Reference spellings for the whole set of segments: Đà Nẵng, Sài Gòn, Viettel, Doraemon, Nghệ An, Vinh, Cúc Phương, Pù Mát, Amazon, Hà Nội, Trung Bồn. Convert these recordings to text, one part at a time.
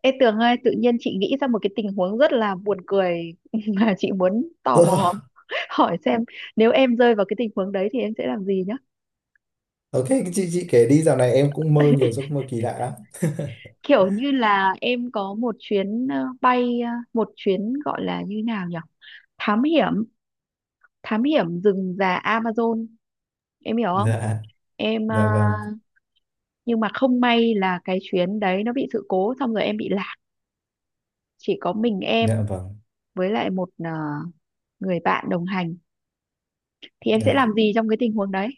Ê Tường ơi, tự nhiên chị nghĩ ra một cái tình huống rất là buồn cười mà chị muốn tò mò hỏi xem nếu em rơi vào cái tình huống đấy thì em sẽ làm gì nhá. Ok. Chị kể đi, dạo này em cũng mơ nhiều giấc mơ kỳ lạ lắm. Kiểu như là em có một chuyến bay, một chuyến gọi là như nào nhỉ? Thám hiểm, thám hiểm rừng già Amazon, em hiểu không? Dạ, Em dạ vâng, nhưng mà không may là cái chuyến đấy nó bị sự cố xong rồi em bị lạc, chỉ có mình em dạ vâng, với lại một người bạn đồng hành thì em sẽ dạ. làm gì trong cái tình huống đấy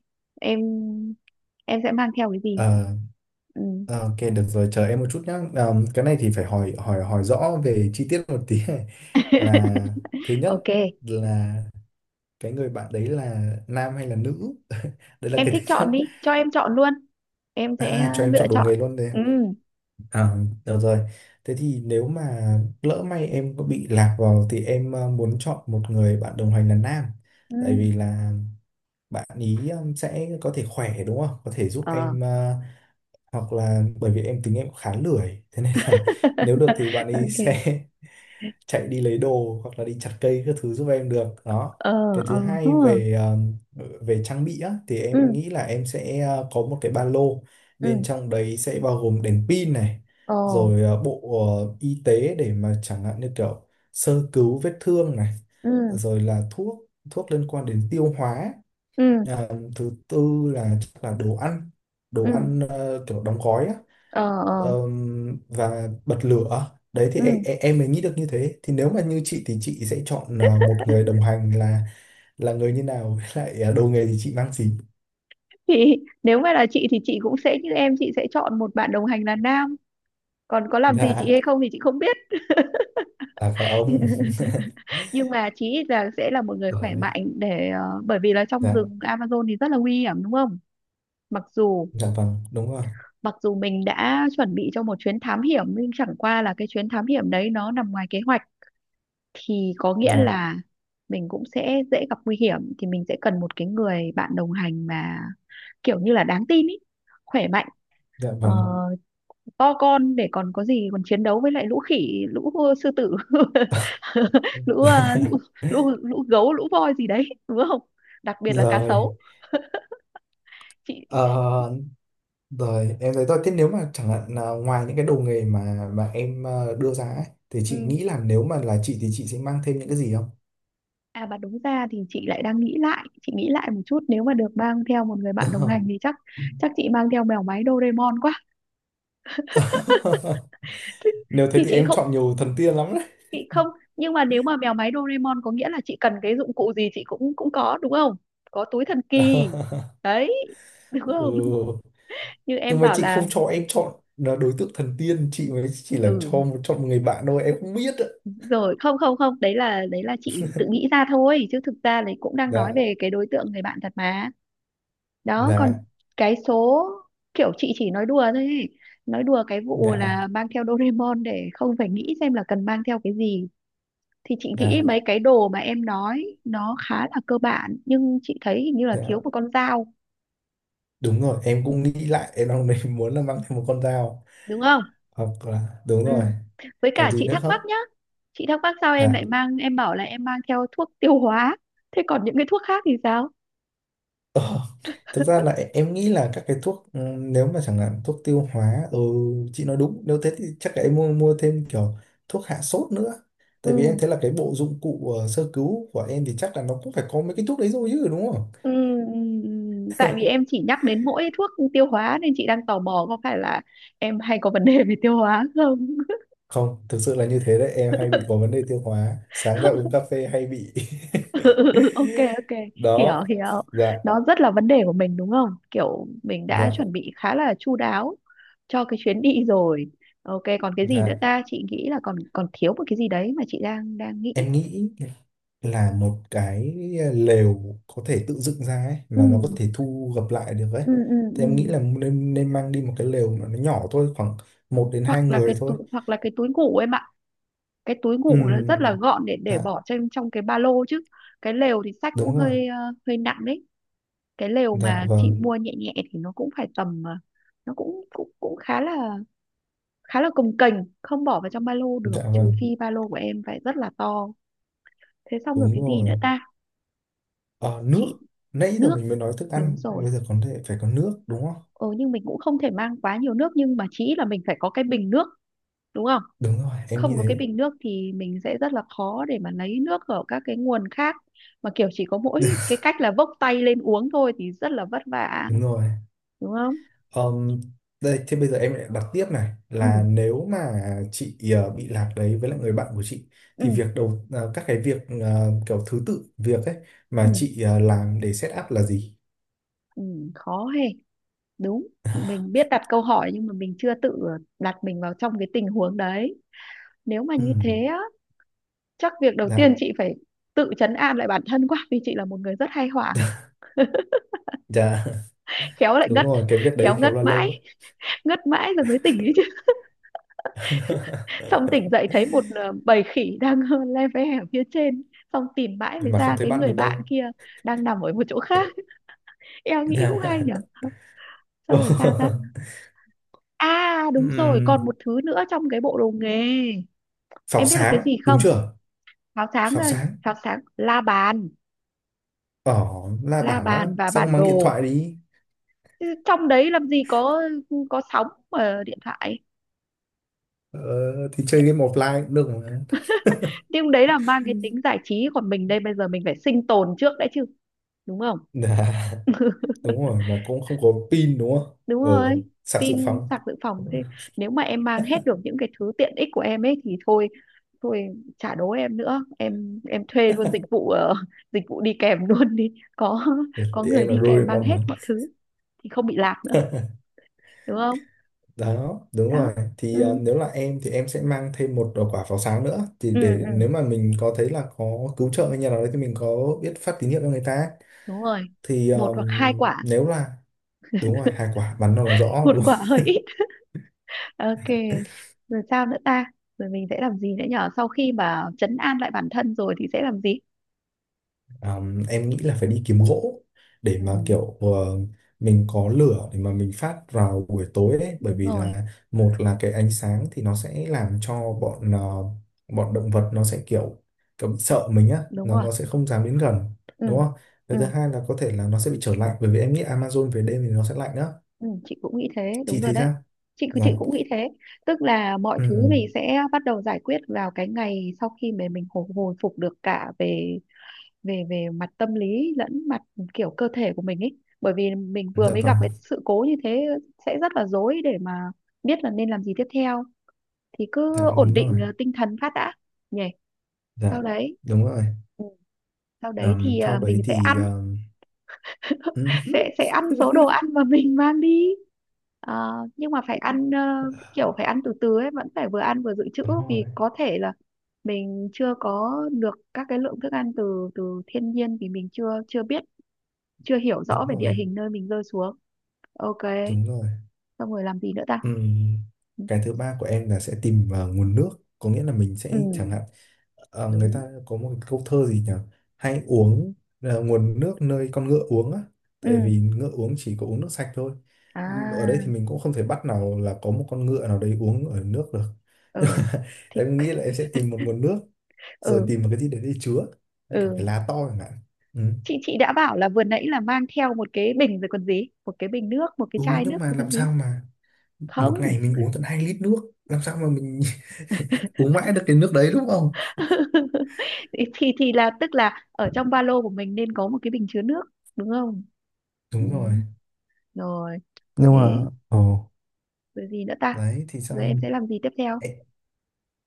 em sẽ mang theo cái gì Ờ, ừ. Ok được rồi, chờ em một chút nhá. Ờ, cái này thì phải hỏi hỏi hỏi rõ về chi tiết một tí này. Là thứ Ok nhất là cái người bạn đấy là nam hay là nữ đấy là em cái thứ thích chọn nhất. đi cho em chọn luôn em sẽ À, cho em lựa chọn đồ chọn nghề luôn. ừ À, được rồi. Thế thì nếu mà lỡ may em có bị lạc vào thì em muốn chọn một người bạn đồng hành là nam. Tại vì ừ là bạn ý sẽ có thể khỏe đúng không? Có thể giúp ờ em ờ, hoặc là bởi vì em tính em khá lười. Thế nên là nếu được thì bạn ý ok sẽ chạy đi lấy đồ hoặc là đi chặt cây các thứ giúp em được đó. ờ Cái ờ thứ hai hơ. về về trang bị á, thì Ừ em nghĩ là em sẽ có một cái ba lô, ừ bên trong đấy sẽ bao gồm đèn pin này, ờ rồi bộ y tế để mà chẳng hạn như kiểu sơ cứu vết thương này, ừ rồi là thuốc thuốc liên quan đến tiêu hóa, ừ à, thứ tư là chắc là đồ ăn, ừ đồ ăn kiểu đóng gói á. ờ ờ Và bật lửa đấy thì ừ em mới nghĩ được như thế. Thì nếu mà như chị thì chị sẽ chọn à, một người đồng hành là người như nào với lại à, đồ nghề thì chị mang gì? thì nếu mà là chị thì chị cũng sẽ như em chị sẽ chọn một bạn đồng hành là nam còn có làm gì chị Dạ, hay không thì chị không biết. à phải ông. Nhưng mà chí ít là sẽ là một người khỏe Rồi, mạnh để bởi vì là trong dạ, rừng Amazon thì rất là nguy hiểm đúng không? Mặc dù dạ vâng đúng rồi, mặc dù mình đã chuẩn bị cho một chuyến thám hiểm nhưng chẳng qua là cái chuyến thám hiểm đấy nó nằm ngoài kế hoạch thì có nghĩa dạ, là mình cũng sẽ dễ gặp nguy hiểm thì mình sẽ cần một cái người bạn đồng hành mà kiểu như là đáng tin ý, khỏe mạnh. dạ Ờ, vâng. to con để còn có gì còn chiến đấu với lại lũ khỉ lũ sư tử, lũ lũ lũ lũ gấu lũ voi gì đấy đúng không, đặc biệt là cá Rồi. sấu chị Ờ, Rồi em thấy thôi, thế nếu mà chẳng hạn là ngoài những cái đồ nghề mà em ờ, đưa ra ấy, thì ừ, chị nghĩ là nếu mà là chị thì chị sẽ mang thêm những cái gì? à mà đúng ra thì chị lại đang nghĩ lại chị nghĩ lại một chút nếu mà được mang theo một người bạn đồng Không. hành thì chắc chắc chị mang theo mèo máy Doraemon quá. thì, Nếu thế thì thì em chọn nhiều thần tiên lắm đấy. chị không nhưng mà nếu mà mèo máy Doraemon có nghĩa là chị cần cái dụng cụ gì chị cũng cũng có đúng không, có túi thần kỳ đấy đúng Ừ. không như em Nhưng mà bảo chị là không cho em chọn là đối tượng thần tiên, chị mới chỉ là cho ừ chọn một người bạn thôi, em không biết ạ. rồi không không không đấy là đấy là chị tự nghĩ ra thôi chứ thực ra đấy cũng đang nói Dạ, về cái đối tượng người bạn thật mà. Đó còn dạ, cái số kiểu chị chỉ nói đùa thôi ấy. Nói đùa cái vụ dạ, là mang theo Doraemon để không phải nghĩ xem là cần mang theo cái gì thì chị nghĩ dạ, mấy cái đồ mà em nói nó khá là cơ bản nhưng chị thấy hình như là dạ. thiếu một con dao Đúng rồi, em cũng nghĩ lại, em đang định muốn là mang thêm một con dao. đúng không Hoặc là, đúng ừ. rồi, Với còn cả gì chị nữa thắc mắc không? nhá chị thắc mắc sao em lại Dạ. mang em bảo là em mang theo thuốc tiêu hóa thế còn những cái thuốc khác thì sao Ờ, thực ra là em nghĩ là các cái thuốc ừ, nếu mà chẳng hạn thuốc tiêu hóa ừ, chị nói đúng. Nếu thế thì chắc là em mua mua thêm kiểu thuốc hạ sốt nữa, ừ tại vì em thấy là cái bộ dụng cụ ờ, sơ cứu của em thì chắc là nó cũng phải có mấy cái thuốc đấy rồi chứ đúng không? Ừ, ừ, ừ. Tại vì em chỉ nhắc đến mỗi thuốc tiêu hóa nên chị đang tò mò có phải là em hay có vấn đề về tiêu hóa không? Không, thực sự là như thế đấy, em hay bị có vấn đề tiêu hóa, sáng ra uống cà phê hay bị. Ừ, ừ, ừ, ok ok hiểu Đó, hiểu dạ, đó rất là vấn đề của mình đúng không kiểu mình đã dạ, chuẩn bị khá là chu đáo cho cái chuyến đi rồi. Ok còn cái gì nữa dạ. ta chị nghĩ là còn còn thiếu một cái gì đấy mà chị đang đang nghĩ Em nghĩ là một cái lều có thể tự dựng ra ấy ừ mà nó có thể thu gập lại được ấy, ừ ừ, thì ừ. em nghĩ là nên nên mang đi một cái lều mà nó nhỏ thôi, khoảng 1 đến 2 Hoặc là cái người thôi. túi hoặc là cái túi ngủ em ạ, cái túi ngủ nó rất là Ừ, gọn để dạ, bỏ trên trong cái ba lô chứ cái lều thì xách cũng đúng rồi, hơi hơi nặng đấy. Cái lều dạ mà chị vâng, mua nhẹ nhẹ thì nó cũng phải tầm nó cũng cũng cũng khá là cồng kềnh không bỏ vào trong ba lô được dạ trừ vâng, phi ba lô của em phải rất là to. Thế xong rồi đúng cái gì rồi. nữa ta Ờ, nước. chị Nãy giờ nước mình mới nói thức đúng ăn, rồi bây giờ còn thể phải có nước đúng không? ừ nhưng mình cũng không thể mang quá nhiều nước nhưng mà chỉ là mình phải có cái bình nước đúng không, Đúng rồi em nghĩ không có cái thế. bình nước thì mình sẽ rất là khó để mà lấy nước ở các cái nguồn khác mà kiểu chỉ có mỗi cái cách là vốc tay lên uống thôi thì rất là vất vả Đúng rồi. đúng không Ờm, đây, thế bây giờ em lại đặt tiếp này, ừ là nếu mà chị ờ, bị lạc đấy với lại người bạn của chị, ừ thì việc đầu ờ, các cái việc ờ, kiểu thứ tự việc ấy ừ, mà chị ờ, làm để set up là gì? ừ khó hề đúng mình biết đặt câu hỏi nhưng mà mình chưa tự đặt mình vào trong cái tình huống đấy nếu mà như Ừm, thế á chắc việc đầu tiên dạ, chị phải tự trấn an lại bản thân quá vì chị là một người rất hay hoảng dạ, khéo lại đúng ngất rồi, cái việc khéo đấy khéo là lâu ấy. ngất mãi rồi mới tỉnh ý xong tỉnh dậy thấy một bầy khỉ đang le ve ở phía trên xong tìm mãi mới Mà ra không thấy cái bạn người mình bạn đâu. kia đang nằm ở một chỗ khác. Em nghĩ Dạ. cũng hay nhỉ xong rồi sao ta, à đúng rồi còn Ừm, một thứ nữa trong cái bộ đồ nghề pháo em biết là cái sáng, gì đúng không, chưa? pháo sáng Pháo là- sáng. pháo sáng Ờ, la la bản đó, bàn và bản xong mang điện đồ. thoại đi. Chứ trong đấy làm gì có sóng ở điện thoại, Ờ, thì chơi game offline cũng được mà. nhưng đấy là mang cái tính giải trí còn mình đây bây giờ mình phải sinh tồn trước đã chứ đúng không, Dạ, đúng rồi, mà cũng không có pin đúng không? đúng Ờ, rồi sạc dự pin phòng. sạc dự phòng thế nếu mà em mang hết được những cái thứ tiện ích của em ấy thì thôi thôi trả đố em nữa em thuê luôn dịch vụ dịch vụ đi kèm luôn đi Ừ, có thì người em là đi kèm mang Doraemon hết mà. mọi thứ thì không bị lạc nữa đúng không Đó, đúng đó rồi. Thì ờ, ừ nếu là em thì em sẽ mang thêm một ờ, quả pháo sáng nữa, thì ừ, để ừ. nếu mà mình có thấy là có cứu trợ hay nhà nào đấy thì mình có biết phát tín hiệu cho người ta. Đúng rồi Thì một hoặc hai quả nếu là đúng rồi, hai quả bắn nó là rõ một đúng. quả hơi ít ok rồi sao nữa ta rồi mình sẽ làm gì nữa nhở sau khi mà trấn an lại bản thân rồi thì sẽ làm gì Em nghĩ là phải đi kiếm gỗ để ừ, mà kiểu ờ, mình có lửa để mà mình phát vào buổi tối ấy, bởi đúng vì rồi là một là cái ánh sáng thì nó sẽ làm cho bọn ờ, bọn động vật nó sẽ kiểu kiểu bị sợ mình á, đúng rồi nó sẽ không dám đến gần ừ. đúng không? Ừ Và thứ hai là có thể là nó sẽ bị trở lạnh bởi vì em nghĩ Amazon về đêm thì nó sẽ lạnh á. Ừ, chị cũng nghĩ thế đúng Chị rồi thấy đấy sao? chị Dạ. cũng nghĩ thế tức là mọi thứ Ừ. mình sẽ bắt đầu giải quyết vào cái ngày sau khi mà mình hồi, hồi phục được cả về về về mặt tâm lý lẫn mặt kiểu cơ thể của mình ấy bởi vì mình vừa Dạ mới gặp vâng. cái sự cố như thế sẽ rất là rối để mà biết là nên làm gì tiếp theo thì Dạ cứ ổn đúng định rồi. Tinh thần phát đã nhỉ Dạ sau đấy đúng rồi. ừ, sau đấy thì Sau mình đấy sẽ thì ăn ừ, sẽ ăn số đồ ăn mà mình mang đi. Ờ, nhưng mà phải ăn kiểu phải ăn từ từ ấy vẫn phải vừa ăn vừa dự trữ đúng vì rồi, có thể là mình chưa có được các cái lượng thức ăn từ từ thiên nhiên vì mình chưa chưa biết chưa hiểu rõ đúng về rồi, địa hình nơi mình rơi xuống ok đúng rồi. xong rồi làm gì nữa ta Ừm, cái thứ ba của em là sẽ tìm vào nguồn nước, có nghĩa là mình ừ sẽ chẳng hạn ờ, người đúng ta có một câu thơ gì nhỉ, hãy uống ờ, nguồn nước nơi con ngựa uống á, tại vì ừ ngựa uống chỉ có uống nước sạch thôi. Ở đây thì à mình cũng không thể bắt nào là có một con ngựa nào đấy uống ở nước được, nhưng ừ mà thì em nghĩ là em sẽ tìm một nguồn nước rồi ừ tìm một cái gì đấy để chứa, như kiểu ừ cái lá to chẳng hạn. Ừ. chị đã bảo là vừa nãy là mang theo một cái bình rồi còn gì một cái bình nước một cái Ừ, chai nước nhưng mà rồi còn làm gì sao mà không. một ngày mình uống tận 2 lít nước, làm sao mà mình uống mãi được cái nước đấy đúng không? Thì là tức là ở trong ba lô của mình nên có một cái bình chứa nước đúng không ừ. Đúng rồi, Rồi nhưng mà thế ồ rồi gì nữa ta đấy thì rồi sao? em sẽ làm gì tiếp theo em,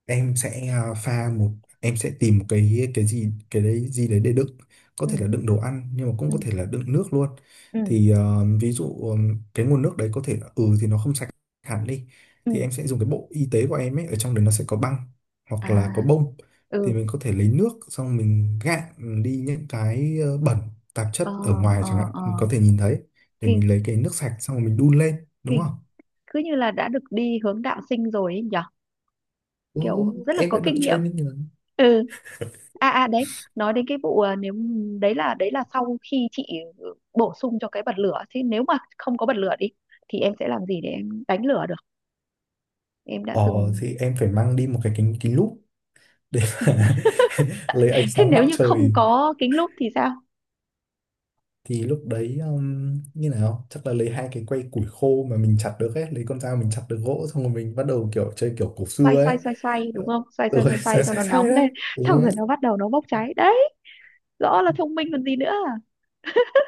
em sẽ à, pha một em sẽ tìm một cái gì cái đấy gì đấy để đựng, có ừ thể là đựng đồ ăn nhưng mà cũng ừ có thể là đựng nước luôn. ừ Thì ờ, ví dụ cái nguồn nước đấy có thể là ừ thì nó không sạch hẳn đi, ừ thì em sẽ dùng cái bộ y tế của em ấy, ở trong đấy nó sẽ có băng hoặc à là có bông, thì ừ mình có thể lấy nước xong mình gạn đi những cái ờ, bẩn tạp ờ chất ở ngoài, ờ chẳng hạn ờ mình có thể nhìn thấy, để kinh mình lấy cái nước sạch xong rồi mình đun lên đúng kinh không? cứ như là đã được đi hướng đạo sinh rồi ấy nhở Ừ, kiểu rất là em có đã được kinh nghiệm training rồi. ừ à à đấy nói đến cái vụ à, nếu đấy là sau khi chị bổ sung cho cái bật lửa chứ nếu mà không có bật lửa đi thì em sẽ làm gì để em đánh lửa em đã Ờ, từng. thì em phải mang đi một cái kính kính lúp để mà lấy ánh Thế sáng nếu mặt như không trời. có kính lúp thì sao Thì lúc đấy như nào chắc là lấy 2 cái que củi khô mà mình chặt được ấy, lấy con dao mình chặt được gỗ xong rồi mình bắt đầu kiểu chơi kiểu cổ xoay xưa ấy. xoay xoay xoay đúng Ờ, không xoay xoay rồi xoay xoay sai cho sai nó sai nóng đấy, lên đúng xong không rồi ấy? nó bắt đầu nó bốc cháy đấy rõ là thông minh còn gì nữa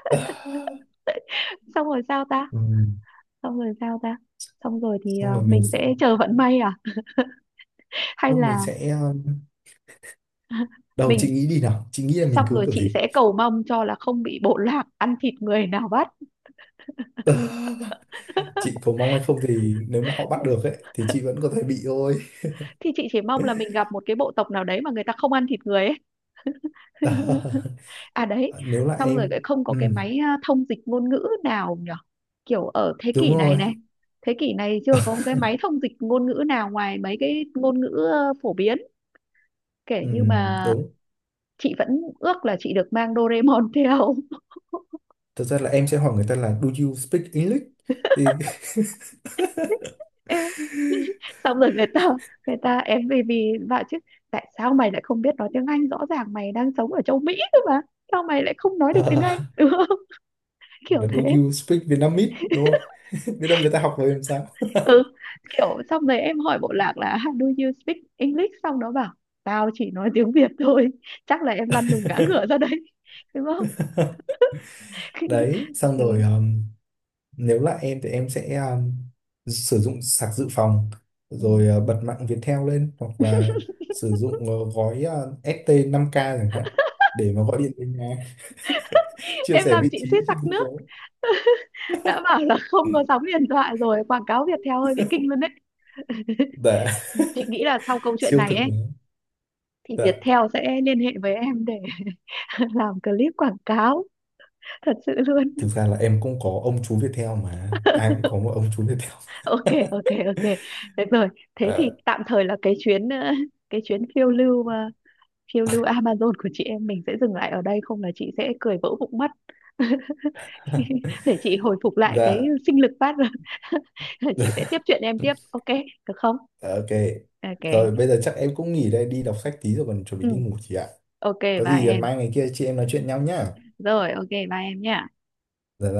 Ờ, xong rồi sao ta ừ, xong rồi sao ta xong rồi thì xong rồi mình mình sẽ sẽ chờ vận may à hay Ô, mình là sẽ đầu mình chị nghĩ đi nào, chị nghĩ là xong mình cứu rồi kiểu chị gì? sẽ cầu mong cho là không bị bộ lạc ăn thịt người nào bắt. Ờ, chị có mong hay không thì nếu mà họ bắt được ấy thì chị vẫn có thể bị thôi. Thì chị chỉ mong là mình gặp một cái bộ tộc nào đấy mà người ta không ăn thịt người ấy. À đấy, Ờ, nếu là xong rồi em lại không có ừ, cái máy thông dịch ngôn ngữ nào nhở? Kiểu ở thế đúng kỷ này rồi, này, thế kỷ này chưa có cái máy thông dịch ngôn ngữ nào ngoài mấy cái ngôn ngữ phổ biến. Kể ừ, như mà đúng. chị vẫn ước là chị được mang Doraemon theo. Thật ra là em sẽ hỏi người ta là do you speak English thì. Ê, xong rồi người ta em vì vì bảo chứ tại sao mày lại không biết nói tiếng Anh rõ ràng mày đang sống ở châu Mỹ cơ mà sao mày lại không nói được tiếng Anh À, đúng không hoặc kiểu là do thế you speak Vietnamese đúng không? Biết đâu người ta học rồi làm sao. ừ kiểu xong rồi em hỏi bộ lạc là "How do you speak English xong nó bảo tao chỉ nói tiếng Việt thôi", chắc là em lăn đùng ngã ngửa ra đấy đúng không Đấy xong ừ. rồi nếu là em thì em sẽ sử dụng sạc dự phòng rồi Ừ. ờ, bật mạng Viettel lên hoặc là sử dụng ờ, gói ST 5K chẳng hạn để mà gọi điện đến nhà, chia Em sẻ làm vị chị trí suýt chứ sặc không có. nước đã bảo là không có sóng điện thoại rồi quảng cáo Viettel hơi bị kinh luôn đấy. Dạ. Chị nghĩ là sau câu chuyện Siêu này thực ấy mà. thì Dạ, Viettel sẽ liên hệ với em để làm clip quảng cáo thật sự luôn. thực ra là em cũng có ông chú Viettel, mà ai cũng có một ông chú Viettel. Ok ok ok được rồi thế thì Ờ, tạm thời là cái chuyến cái chuyến phiêu lưu phiêu lưu Amazon của chị em mình sẽ dừng lại ở đây không là chị sẽ cười vỡ bụng mất. Để chị hồi phục lại cái dạ, sinh lực phát rồi chị sẽ dạ, tiếp chuyện em tiếp ok được không ok. ok Rồi bây giờ chắc em cũng nghỉ đây, đi đọc sách tí rồi còn chuẩn bị ừ. đi ngủ chị ạ. Ok Có bye gì ờ, em mai ngày kia chị em nói chuyện nhau nhá. rồi ok bye em nha. Dạ dạ.